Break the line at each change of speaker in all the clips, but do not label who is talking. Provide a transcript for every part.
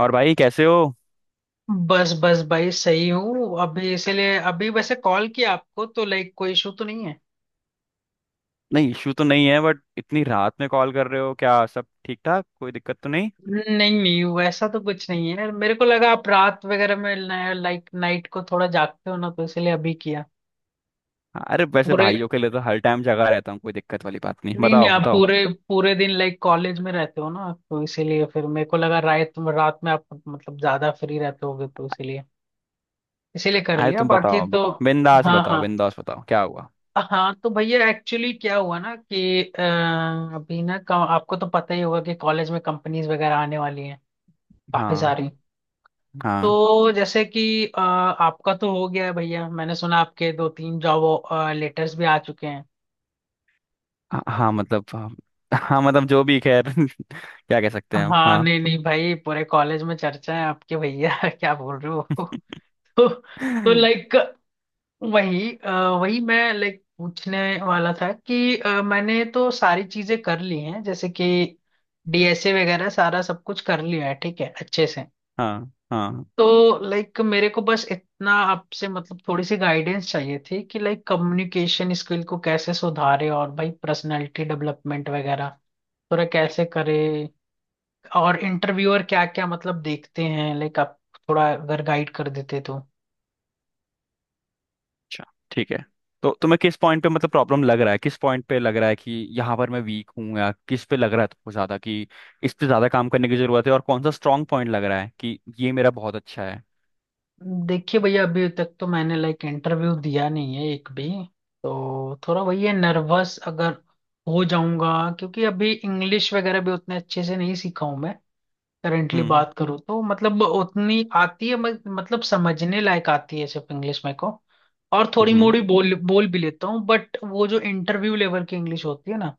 और भाई कैसे हो।
बस बस भाई सही हूँ। अभी इसीलिए अभी वैसे कॉल किया आपको तो लाइक कोई इशू तो नहीं है।
नहीं, इशू तो नहीं है, बट इतनी रात में कॉल कर रहे हो, क्या सब ठीक ठाक, कोई दिक्कत तो नहीं?
नहीं नहीं, वैसा तो कुछ नहीं है। मेरे को लगा आप रात वगैरह में लाइक नाइट को थोड़ा जागते हो ना, तो इसीलिए अभी किया।
अरे वैसे
पूरे
भाइयों के लिए तो हर टाइम जगा रहता हूँ, कोई दिक्कत वाली बात नहीं।
नहीं नहीं,
बताओ
आप
बताओ।
पूरे पूरे दिन लाइक कॉलेज में रहते हो ना, तो इसीलिए फिर मेरे को लगा रात रात में आप मतलब ज्यादा फ्री रहते होगे, तो इसीलिए इसीलिए कर
अरे
लिया
तुम
बाकी
बताओ,
तो।
बिंदास
हाँ
बताओ
हाँ।
बिंदास बताओ, क्या हुआ?
हाँ तो भैया एक्चुअली क्या हुआ ना कि अभी ना आपको तो पता ही होगा कि कॉलेज में कंपनीज वगैरह आने वाली हैं काफी
हाँ
सारी।
हाँ।
तो जैसे कि आपका तो हो गया है भैया, मैंने सुना आपके दो तीन जॉब लेटर्स भी आ चुके हैं।
हाँ हाँ, मतलब हाँ। हाँ, मतलब जो भी खैर क्या कह सकते हैं हम,
हाँ
हाँ।
नहीं नहीं भाई, पूरे कॉलेज में चर्चा है आपके भैया क्या बोल रहे हो तो तो लाइक वही अ, वही मैं लाइक पूछने वाला था कि मैंने तो सारी चीजें कर ली हैं, जैसे कि डीएसए वगैरह सारा सब कुछ कर लिया है, ठीक है अच्छे से।
हाँ हाँ।
तो लाइक मेरे को बस इतना आपसे मतलब थोड़ी सी गाइडेंस चाहिए थी कि लाइक कम्युनिकेशन स्किल को कैसे सुधारे, और भाई पर्सनालिटी डेवलपमेंट वगैरह थोड़ा कैसे करे, और इंटरव्यूअर क्या क्या मतलब देखते हैं, लाइक आप थोड़ा अगर गाइड कर देते तो।
अच्छा, ठीक है। तो तुम्हें किस पॉइंट पे मतलब प्रॉब्लम लग रहा है, किस पॉइंट पे लग रहा है कि यहाँ पर मैं वीक हूँ, या किस पे लग रहा है तुमको ज्यादा, कि इस पे ज्यादा काम करने की जरूरत है, और कौन सा स्ट्रांग पॉइंट लग रहा है कि ये मेरा बहुत अच्छा है?
देखिए भैया, अभी तक तो मैंने लाइक इंटरव्यू दिया नहीं है एक भी, तो थोड़ा वही है नर्वस अगर हो जाऊंगा, क्योंकि अभी इंग्लिश वगैरह भी उतने अच्छे से नहीं सीखा हूं मैं। करेंटली
हम्म
बात करूँ तो मतलब उतनी आती है, मतलब समझने लायक आती है सिर्फ इंग्लिश मेरे को। और थोड़ी
हम्म हम्म।
मोड़ी बोल बोल भी लेता हूँ, बट वो जो इंटरव्यू लेवल की इंग्लिश होती है ना,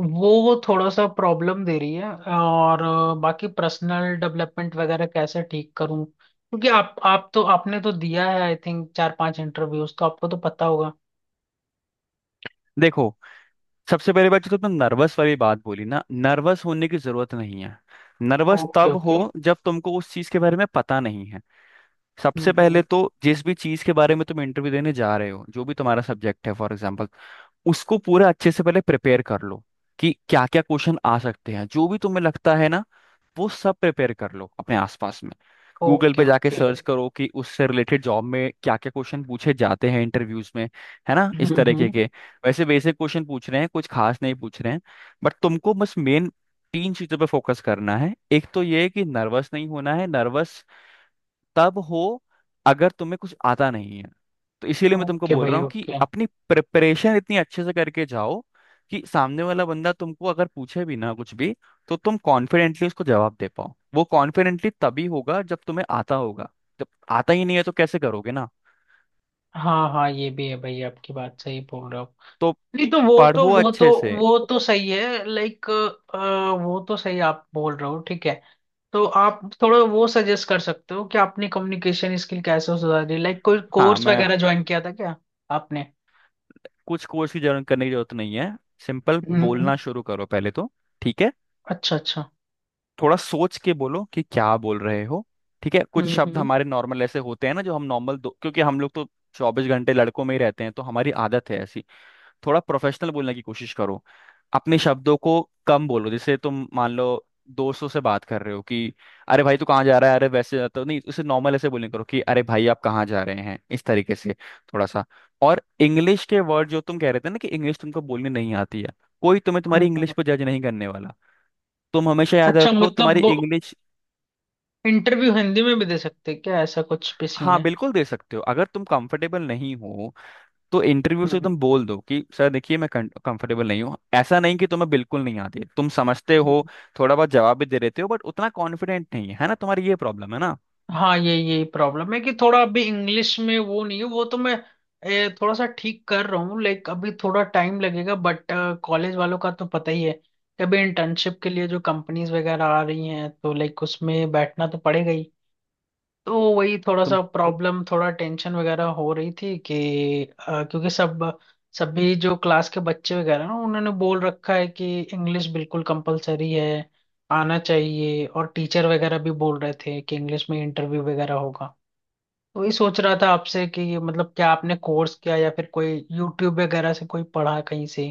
वो थोड़ा सा प्रॉब्लम दे रही है। और बाकी पर्सनल डेवलपमेंट वगैरह कैसे ठीक करूं, क्योंकि आप तो आपने तो दिया है आई थिंक चार पांच इंटरव्यूज, तो आपको तो पता होगा।
देखो, सबसे पहले बात जो तुमने नर्वस वाली बात बोली ना, नर्वस होने की जरूरत नहीं है। नर्वस
ओके
तब हो
ओके।
जब तुमको उस चीज के बारे में पता नहीं है। सबसे
हम्म।
पहले तो जिस भी चीज के बारे में तुम इंटरव्यू देने जा रहे हो, जो भी तुम्हारा सब्जेक्ट है फॉर एग्जाम्पल, उसको पूरा अच्छे से पहले प्रिपेयर कर लो कि क्या क्या क्वेश्चन आ सकते हैं, जो भी तुम्हें लगता है ना, वो सब प्रिपेयर कर लो अपने आसपास में। गूगल
ओके
पे जाके
ओके।
सर्च करो कि उससे रिलेटेड जॉब में क्या क्या क्वेश्चन पूछे जाते हैं इंटरव्यूज में, है ना, इस तरीके
हम्म।
के। वैसे बेसिक क्वेश्चन पूछ रहे हैं, कुछ खास नहीं पूछ रहे हैं। बट तुमको बस मेन तीन चीजों पे फोकस करना है। एक तो ये है कि नर्वस नहीं होना है। नर्वस तब हो अगर तुम्हें कुछ आता नहीं है। तो इसीलिए मैं तुमको
ओके
बोल
भाई
रहा हूँ कि
ओके।
अपनी प्रिपरेशन इतनी अच्छे से करके जाओ कि सामने वाला बंदा तुमको अगर पूछे भी ना कुछ भी, तो तुम कॉन्फिडेंटली उसको जवाब दे पाओ। वो कॉन्फिडेंटली तभी होगा जब तुम्हें आता होगा। जब आता ही नहीं है तो कैसे करोगे ना।
हाँ हाँ, ये भी है भाई, आपकी बात सही बोल रहे हो।
तो
नहीं तो
पढ़ो अच्छे से।
वो तो सही है लाइक, वो तो सही आप बोल रहे हो, ठीक है। तो आप थोड़ा वो सजेस्ट कर सकते हो कि आपने कम्युनिकेशन स्किल कैसे सुधारी, लाइक कोई
हाँ,
कोर्स
मैं
वगैरह ज्वाइन किया था क्या आपने।
कुछ कोर्स की जरूरत करने की जरूरत नहीं है। सिंपल
हम्म हम्म।
बोलना शुरू करो पहले तो। ठीक है।
अच्छा अच्छा।
थोड़ा सोच के बोलो कि क्या बोल रहे हो। ठीक है, कुछ
हम्म
शब्द
हम्म
हमारे नॉर्मल ऐसे होते हैं ना, जो हम नॉर्मल, क्योंकि हम लोग तो 24 घंटे लड़कों में ही रहते हैं तो हमारी आदत है ऐसी। थोड़ा प्रोफेशनल बोलने की कोशिश करो अपने शब्दों को। कम बोलो, जैसे तुम मान लो दोस्तों से बात कर रहे हो कि अरे भाई तू कहाँ जा रहा है, अरे वैसे जाता नहीं, उसे नॉर्मल ऐसे बोलने करो कि अरे भाई आप कहाँ जा रहे हैं, इस तरीके से थोड़ा सा। और इंग्लिश के वर्ड जो तुम कह रहे थे ना कि इंग्लिश तुमको बोलनी नहीं आती है, कोई तुम्हें तुम्हारी इंग्लिश
हम्म।
पर जज नहीं करने वाला। तुम हमेशा याद
अच्छा
रखो,
मतलब
तुम्हारी
वो
इंग्लिश।
इंटरव्यू हिंदी में भी दे सकते हैं क्या, ऐसा कुछ भी सीन
हाँ
है।
बिल्कुल दे सकते हो, अगर तुम कंफर्टेबल नहीं हो तो इंटरव्यू से तुम बोल दो कि सर देखिए मैं कंफर्टेबल नहीं हूँ। ऐसा नहीं कि तुम्हें बिल्कुल नहीं आती, तुम समझते हो,
हम्म।
थोड़ा बहुत जवाब भी दे लेते हो, बट उतना कॉन्फिडेंट नहीं है, है ना, तुम्हारी ये प्रॉब्लम है ना।
हाँ ये यही प्रॉब्लम है कि थोड़ा अभी इंग्लिश में वो नहीं है, वो तो मैं थोड़ा सा ठीक कर रहा हूँ लाइक, अभी थोड़ा टाइम लगेगा। बट कॉलेज वालों का तो पता ही है कि अभी इंटर्नशिप के लिए जो कंपनीज वगैरह आ रही हैं, तो लाइक उसमें बैठना तो पड़ेगा ही। तो वही थोड़ा सा प्रॉब्लम, थोड़ा टेंशन वगैरह हो रही थी कि क्योंकि सब सभी जो क्लास के बच्चे वगैरह ना, उन्होंने बोल रखा है कि इंग्लिश बिल्कुल कंपलसरी है आना चाहिए, और टीचर वगैरह भी बोल रहे थे कि इंग्लिश में इंटरव्यू वगैरह होगा। तो ये सोच रहा था आपसे कि ये मतलब क्या आपने कोर्स किया या फिर कोई यूट्यूब वगैरह से कोई पढ़ा कहीं से।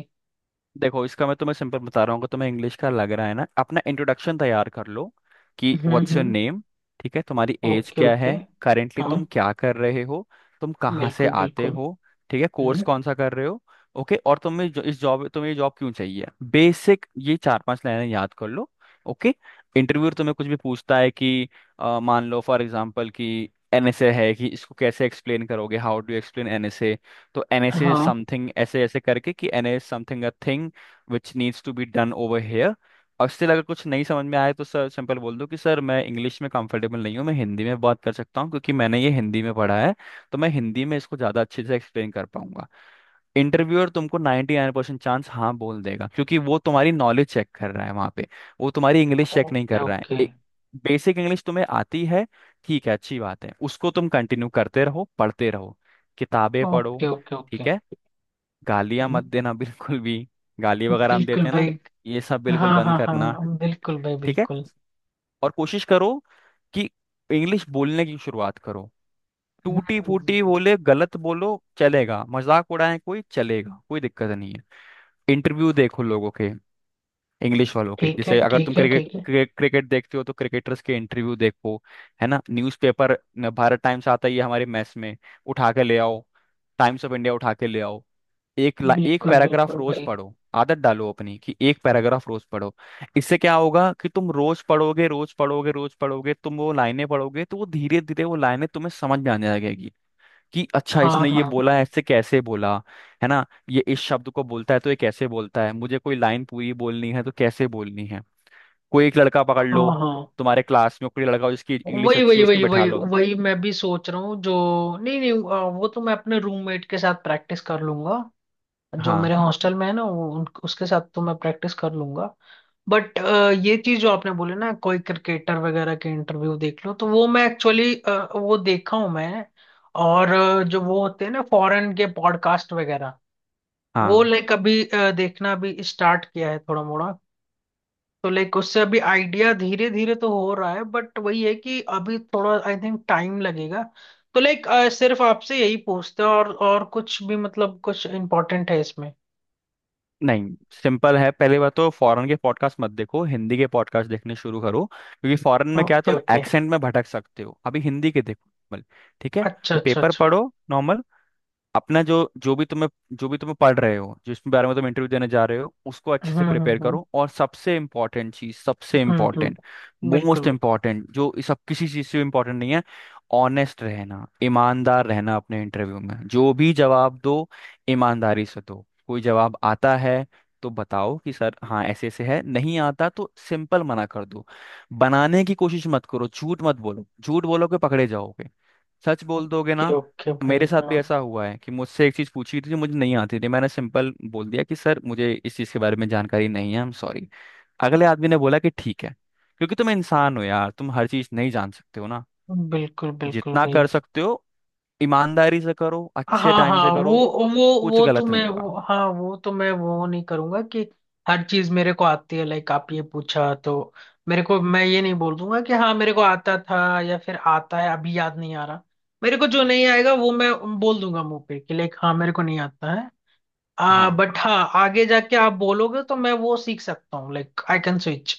देखो, इसका मैं तुम्हें सिंपल बता रहा हूँ, अगर तुम्हें इंग्लिश का लग रहा है ना, अपना इंट्रोडक्शन तैयार कर लो कि व्हाट्स योर
हम्म।
नेम, ठीक है, तुम्हारी एज
ओके
क्या
ओके।
है, करेंटली
हाँ
तुम क्या कर रहे हो, तुम कहाँ से
बिल्कुल
आते
बिल्कुल।
हो, ठीक है, कोर्स
हम्म
कौन सा कर रहे हो, ओके, और तुम्हें ये जॉब क्यों चाहिए। बेसिक ये चार पांच लाइनें याद कर लो। ओके। इंटरव्यूअर तुम्हें कुछ भी पूछता है कि मान लो फॉर एग्जाम्पल कि एनएसए है, कि इसको कैसे एक्सप्लेन करोगे, हाउ डू एक्सप्लेन एनएसए, तो एन एस इज
हाँ।
समथिंग, ऐसे ऐसे करके कि N S something uh thing which needs to be done over here. और स्टिल अगर कुछ नहीं समझ में आए तो सर सिंपल बोल दो कि सर मैं इंग्लिश में कंफर्टेबल नहीं हूँ, मैं हिंदी में बात कर सकता हूँ क्योंकि मैंने ये हिंदी में पढ़ा है तो मैं हिंदी में इसको ज़्यादा अच्छे से एक्सप्लेन कर पाऊंगा। इंटरव्यूअर तुमको 99% चांस हाँ बोल देगा, क्योंकि वो तुम्हारी नॉलेज चेक कर रहा है वहां पे, वो तुम्हारी इंग्लिश चेक नहीं
ओके
कर रहा है।
ओके
एक बेसिक इंग्लिश तुम्हें आती है, ठीक है, अच्छी बात है, उसको तुम कंटिन्यू करते रहो, पढ़ते रहो, किताबें पढ़ो।
ओके। ओके
ठीक
ओके
है, गालियां मत देना बिल्कुल भी। गाली वगैरह हम
बिल्कुल
देते हैं
भाई।
ना, ये सब बिल्कुल
हाँ
बंद
हाँ
करना।
हाँ बिल्कुल भाई
ठीक है।
बिल्कुल।
और कोशिश करो कि इंग्लिश बोलने की शुरुआत करो, टूटी
हम्म।
फूटी बोले, गलत बोलो, चलेगा, मजाक उड़ाए कोई, चलेगा, कोई दिक्कत नहीं है। इंटरव्यू देखो लोगों के, इंग्लिश वालों के,
ठीक है
जैसे अगर तुम
ठीक है
क्रिकेट
ठीक है।
क्रिकेट देखते हो तो क्रिकेटर्स के इंटरव्यू देखो, है ना। न्यूज़पेपर, भारत टाइम्स आता ही है हमारे मैस में, उठा के ले आओ, टाइम्स ऑफ इंडिया उठा के ले आओ। एक
बिल्कुल
पैराग्राफ
बिल्कुल
रोज
भाई।
पढ़ो। आदत डालो अपनी कि एक पैराग्राफ रोज पढ़ो। इससे क्या होगा कि तुम रोज पढ़ोगे, रोज पढ़ोगे, रोज पढ़ोगे, तुम वो लाइनें पढ़ोगे तो वो धीरे धीरे वो लाइनें तुम्हें समझ में आने लगेगी कि अच्छा
हाँ
इसने ये
हाँ
बोला है,
हाँ
इससे कैसे बोला, है ना। ये इस शब्द को बोलता है तो ये कैसे बोलता है, मुझे कोई लाइन पूरी बोलनी है तो कैसे बोलनी है। कोई एक लड़का पकड़ लो,
हाँ हाँ
तुम्हारे क्लास में कोई लड़का हो जिसकी इंग्लिश
वही
अच्छी
वही
हो, उसको
वही
बैठा
वही
लो।
वही मैं भी सोच रहा हूँ जो। नहीं नहीं वो तो मैं अपने रूममेट के साथ प्रैक्टिस कर लूंगा जो
हाँ
मेरे हॉस्टल में है ना, वो उसके साथ तो मैं प्रैक्टिस कर लूंगा। बट ये चीज जो आपने बोले ना, कोई क्रिकेटर वगैरह के इंटरव्यू देख लो, तो वो मैं एक्चुअली वो देखा हूँ मैं। और जो वो होते हैं ना फॉरेन के पॉडकास्ट वगैरह, वो
हाँ।
लाइक अभी देखना भी स्टार्ट किया है थोड़ा मोड़ा, तो लाइक उससे अभी आइडिया धीरे धीरे तो हो रहा है, बट वही है कि अभी थोड़ा आई थिंक टाइम लगेगा। तो लाइक सिर्फ आपसे यही पूछते हैं, और कुछ भी मतलब कुछ इम्पोर्टेंट है इसमें।
नहीं, सिंपल है। पहली बात तो फॉरेन के पॉडकास्ट मत देखो, हिंदी के पॉडकास्ट देखने शुरू करो क्योंकि फॉरेन में क्या है
ओके
तुम
ओके।
एक्सेंट में भटक सकते हो, अभी हिंदी के देखो, normal। ठीक है,
अच्छा अच्छा
पेपर
अच्छा।
पढ़ो नॉर्मल, अपना जो जो भी तुम्हें, जो भी तुम्हें पढ़ रहे हो, जिस बारे में तुम इंटरव्यू देने जा रहे हो, उसको अच्छे
हम्म
से
हम्म
प्रिपेयर
हम्म हम्म,
करो, और सबसे इम्पोर्टेंट चीज, सबसे इम्पोर्टेंट,
बिल्कुल
मोस्ट
बिल्कुल।
इम्पोर्टेंट, जो इस सब किसी चीज से इम्पोर्टेंट नहीं है, ऑनेस्ट रहना, ईमानदार रहना, अपने इंटरव्यू में जो भी जवाब दो, ईमानदारी से दो। कोई जवाब आता है तो बताओ कि सर हाँ ऐसे ऐसे है, नहीं आता तो सिंपल मना कर दो, बनाने की कोशिश मत करो, झूठ मत बोलो, झूठ बोलोगे पकड़े जाओगे। सच बोल दोगे
ये
ना।
ओके भाई
मेरे साथ
हाँ
भी ऐसा हुआ है कि मुझसे एक चीज़ पूछी थी जो मुझे नहीं आती थी, मैंने सिंपल बोल दिया कि सर मुझे इस चीज़ के बारे में जानकारी नहीं है, आई एम सॉरी। अगले आदमी ने बोला कि ठीक है, क्योंकि तुम इंसान हो यार, तुम हर चीज़ नहीं जान सकते हो ना।
बिल्कुल बिल्कुल
जितना
भाई।
कर सकते हो ईमानदारी से करो, अच्छे
हाँ
टाइम
हाँ
से करो, कुछ
वो तो
गलत नहीं
मैं
होगा।
वो, हाँ वो तो मैं वो नहीं करूंगा कि हर चीज मेरे को आती है। लाइक आप ये पूछा तो मेरे को, मैं ये नहीं बोल दूंगा कि हाँ मेरे को आता था या फिर आता है अभी याद नहीं आ रहा। मेरे को जो नहीं आएगा वो मैं बोल दूंगा मुंह पे कि लाइक हाँ मेरे को नहीं आता है। आ
हाँ
बट हाँ, आगे जाके आप बोलोगे तो मैं वो सीख सकता हूँ लाइक आई कैन स्विच।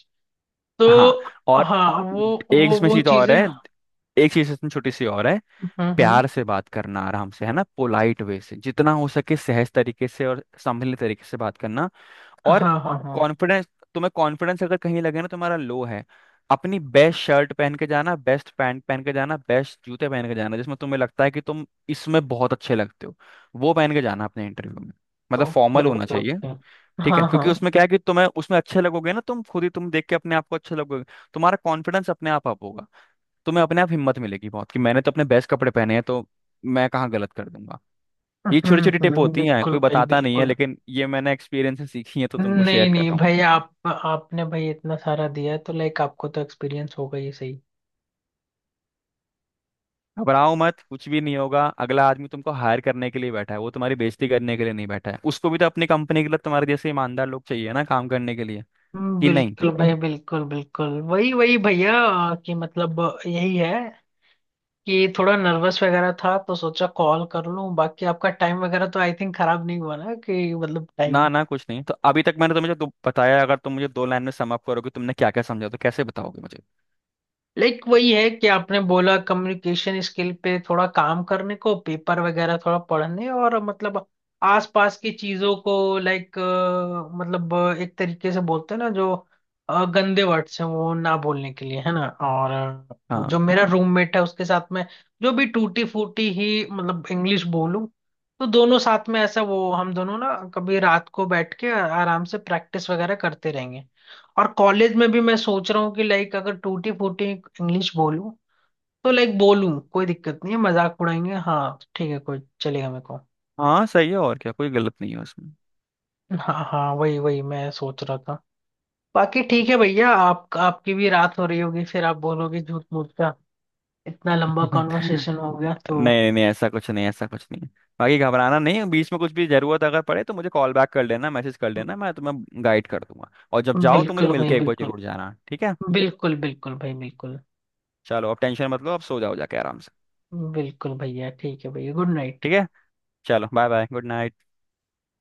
हाँ।
तो
और
हाँ वो
एक
वो
इसमें
वो
चीज़ और
चीजें।
है, एक चीज इसमें छोटी सी और है,
हम्म।
प्यार से बात करना, आराम से, है ना, पोलाइट वे से, जितना हो सके सहज तरीके से और संभले तरीके से बात करना। और
हाँ हाँ हाँ।
कॉन्फिडेंस, तुम्हें कॉन्फिडेंस अगर कहीं लगे ना तुम्हारा लो है, अपनी बेस्ट शर्ट पहन के जाना, बेस्ट पैंट पहन के जाना, बेस्ट जूते पहन के जाना, जिसमें तुम्हें लगता है कि तुम इसमें बहुत अच्छे लगते हो, वो पहन के जाना अपने इंटरव्यू में, मतलब
ओके
फॉर्मल होना
ओके
चाहिए।
ओके।
ठीक है,
हाँ हाँ।
क्योंकि उसमें क्या है कि तुम्हें उसमें अच्छे लगोगे ना, तुम खुद ही तुम देख के अपने आप को अच्छे लगोगे, तुम्हारा कॉन्फिडेंस अपने आप अप होगा, तुम्हें अपने आप हिम्मत मिलेगी बहुत कि मैंने तो अपने बेस्ट कपड़े पहने हैं तो मैं कहाँ गलत कर दूंगा। ये छोटी छोटी टिप होती हैं,
बिल्कुल
कोई
भाई
बताता नहीं है,
बिल्कुल।
लेकिन ये मैंने एक्सपीरियंस से सीखी है तो तुमको
नहीं
शेयर कर
नहीं
रहा हूँ।
भाई, आप आपने भाई इतना सारा दिया है तो लाइक आपको तो एक्सपीरियंस होगा ही सही।
घबराओ मत, कुछ भी नहीं होगा, अगला आदमी तुमको हायर करने के लिए बैठा है, वो तुम्हारी बेइज्जती करने के लिए नहीं बैठा है, उसको भी तो अपनी कंपनी के लिए तुम्हारे जैसे ईमानदार लोग चाहिए ना काम करने के लिए, कि नहीं।
बिल्कुल भाई बिल्कुल बिल्कुल। वही वही भैया कि मतलब यही है कि थोड़ा नर्वस वगैरह था, तो सोचा कॉल कर लूं। बाकी आपका टाइम वगैरह तो आई थिंक खराब नहीं हुआ ना कि मतलब टाइम।
ना ना, कुछ नहीं। तो अभी तक मैंने तुम्हें जो बताया, अगर तुम मुझे दो लाइन में सम अप करोगे, तुमने क्या क्या समझा, तो कैसे बताओगे मुझे?
लाइक वही है कि आपने बोला कम्युनिकेशन स्किल पे थोड़ा काम करने को, पेपर वगैरह थोड़ा पढ़ने, और मतलब आसपास की चीजों को, लाइक मतलब मतलब एक तरीके से बोलते हैं ना जो गंदे वर्ड्स हैं वो ना बोलने के लिए है ना, और
हाँ
जो मेरा रूममेट है उसके साथ में जो भी टूटी फूटी ही मतलब इंग्लिश बोलूं, तो दोनों साथ में ऐसा वो हम दोनों ना कभी रात को बैठ के आराम से प्रैक्टिस वगैरह करते रहेंगे। और कॉलेज में भी मैं सोच रहा हूँ कि लाइक अगर टूटी फूटी इंग्लिश बोलूं, तो लाइक बोलूं कोई दिक्कत नहीं है, मजाक उड़ाएंगे हाँ ठीक है कोई चलेगा मेरे को।
हाँ सही है, और क्या, कोई गलत नहीं है उसमें।
हाँ हाँ वही वही मैं सोच रहा था। बाकी ठीक है भैया, आप आपकी भी रात हो रही होगी, फिर आप बोलोगे झूठ मूठ का इतना लंबा कॉन्वर्सेशन हो गया तो।
नहीं नहीं, ऐसा कुछ नहीं, ऐसा कुछ नहीं। बाकी घबराना नहीं, बीच में कुछ भी जरूरत अगर पड़े तो मुझे कॉल बैक कर लेना, मैसेज कर लेना, मैं तुम्हें गाइड कर दूंगा, और जब जाओ तो मुझे
बिल्कुल भाई
मिलके एक बार
बिल्कुल
जरूर जाना, ठीक है।
बिल्कुल। बिल्कुल भाई बिल्कुल।
चलो, अब टेंशन मत लो, अब सो जाओ जाके आराम से।
बिल्कुल भैया ठीक है भैया गुड नाइट।
ठीक है, चलो, बाय बाय, गुड नाइट।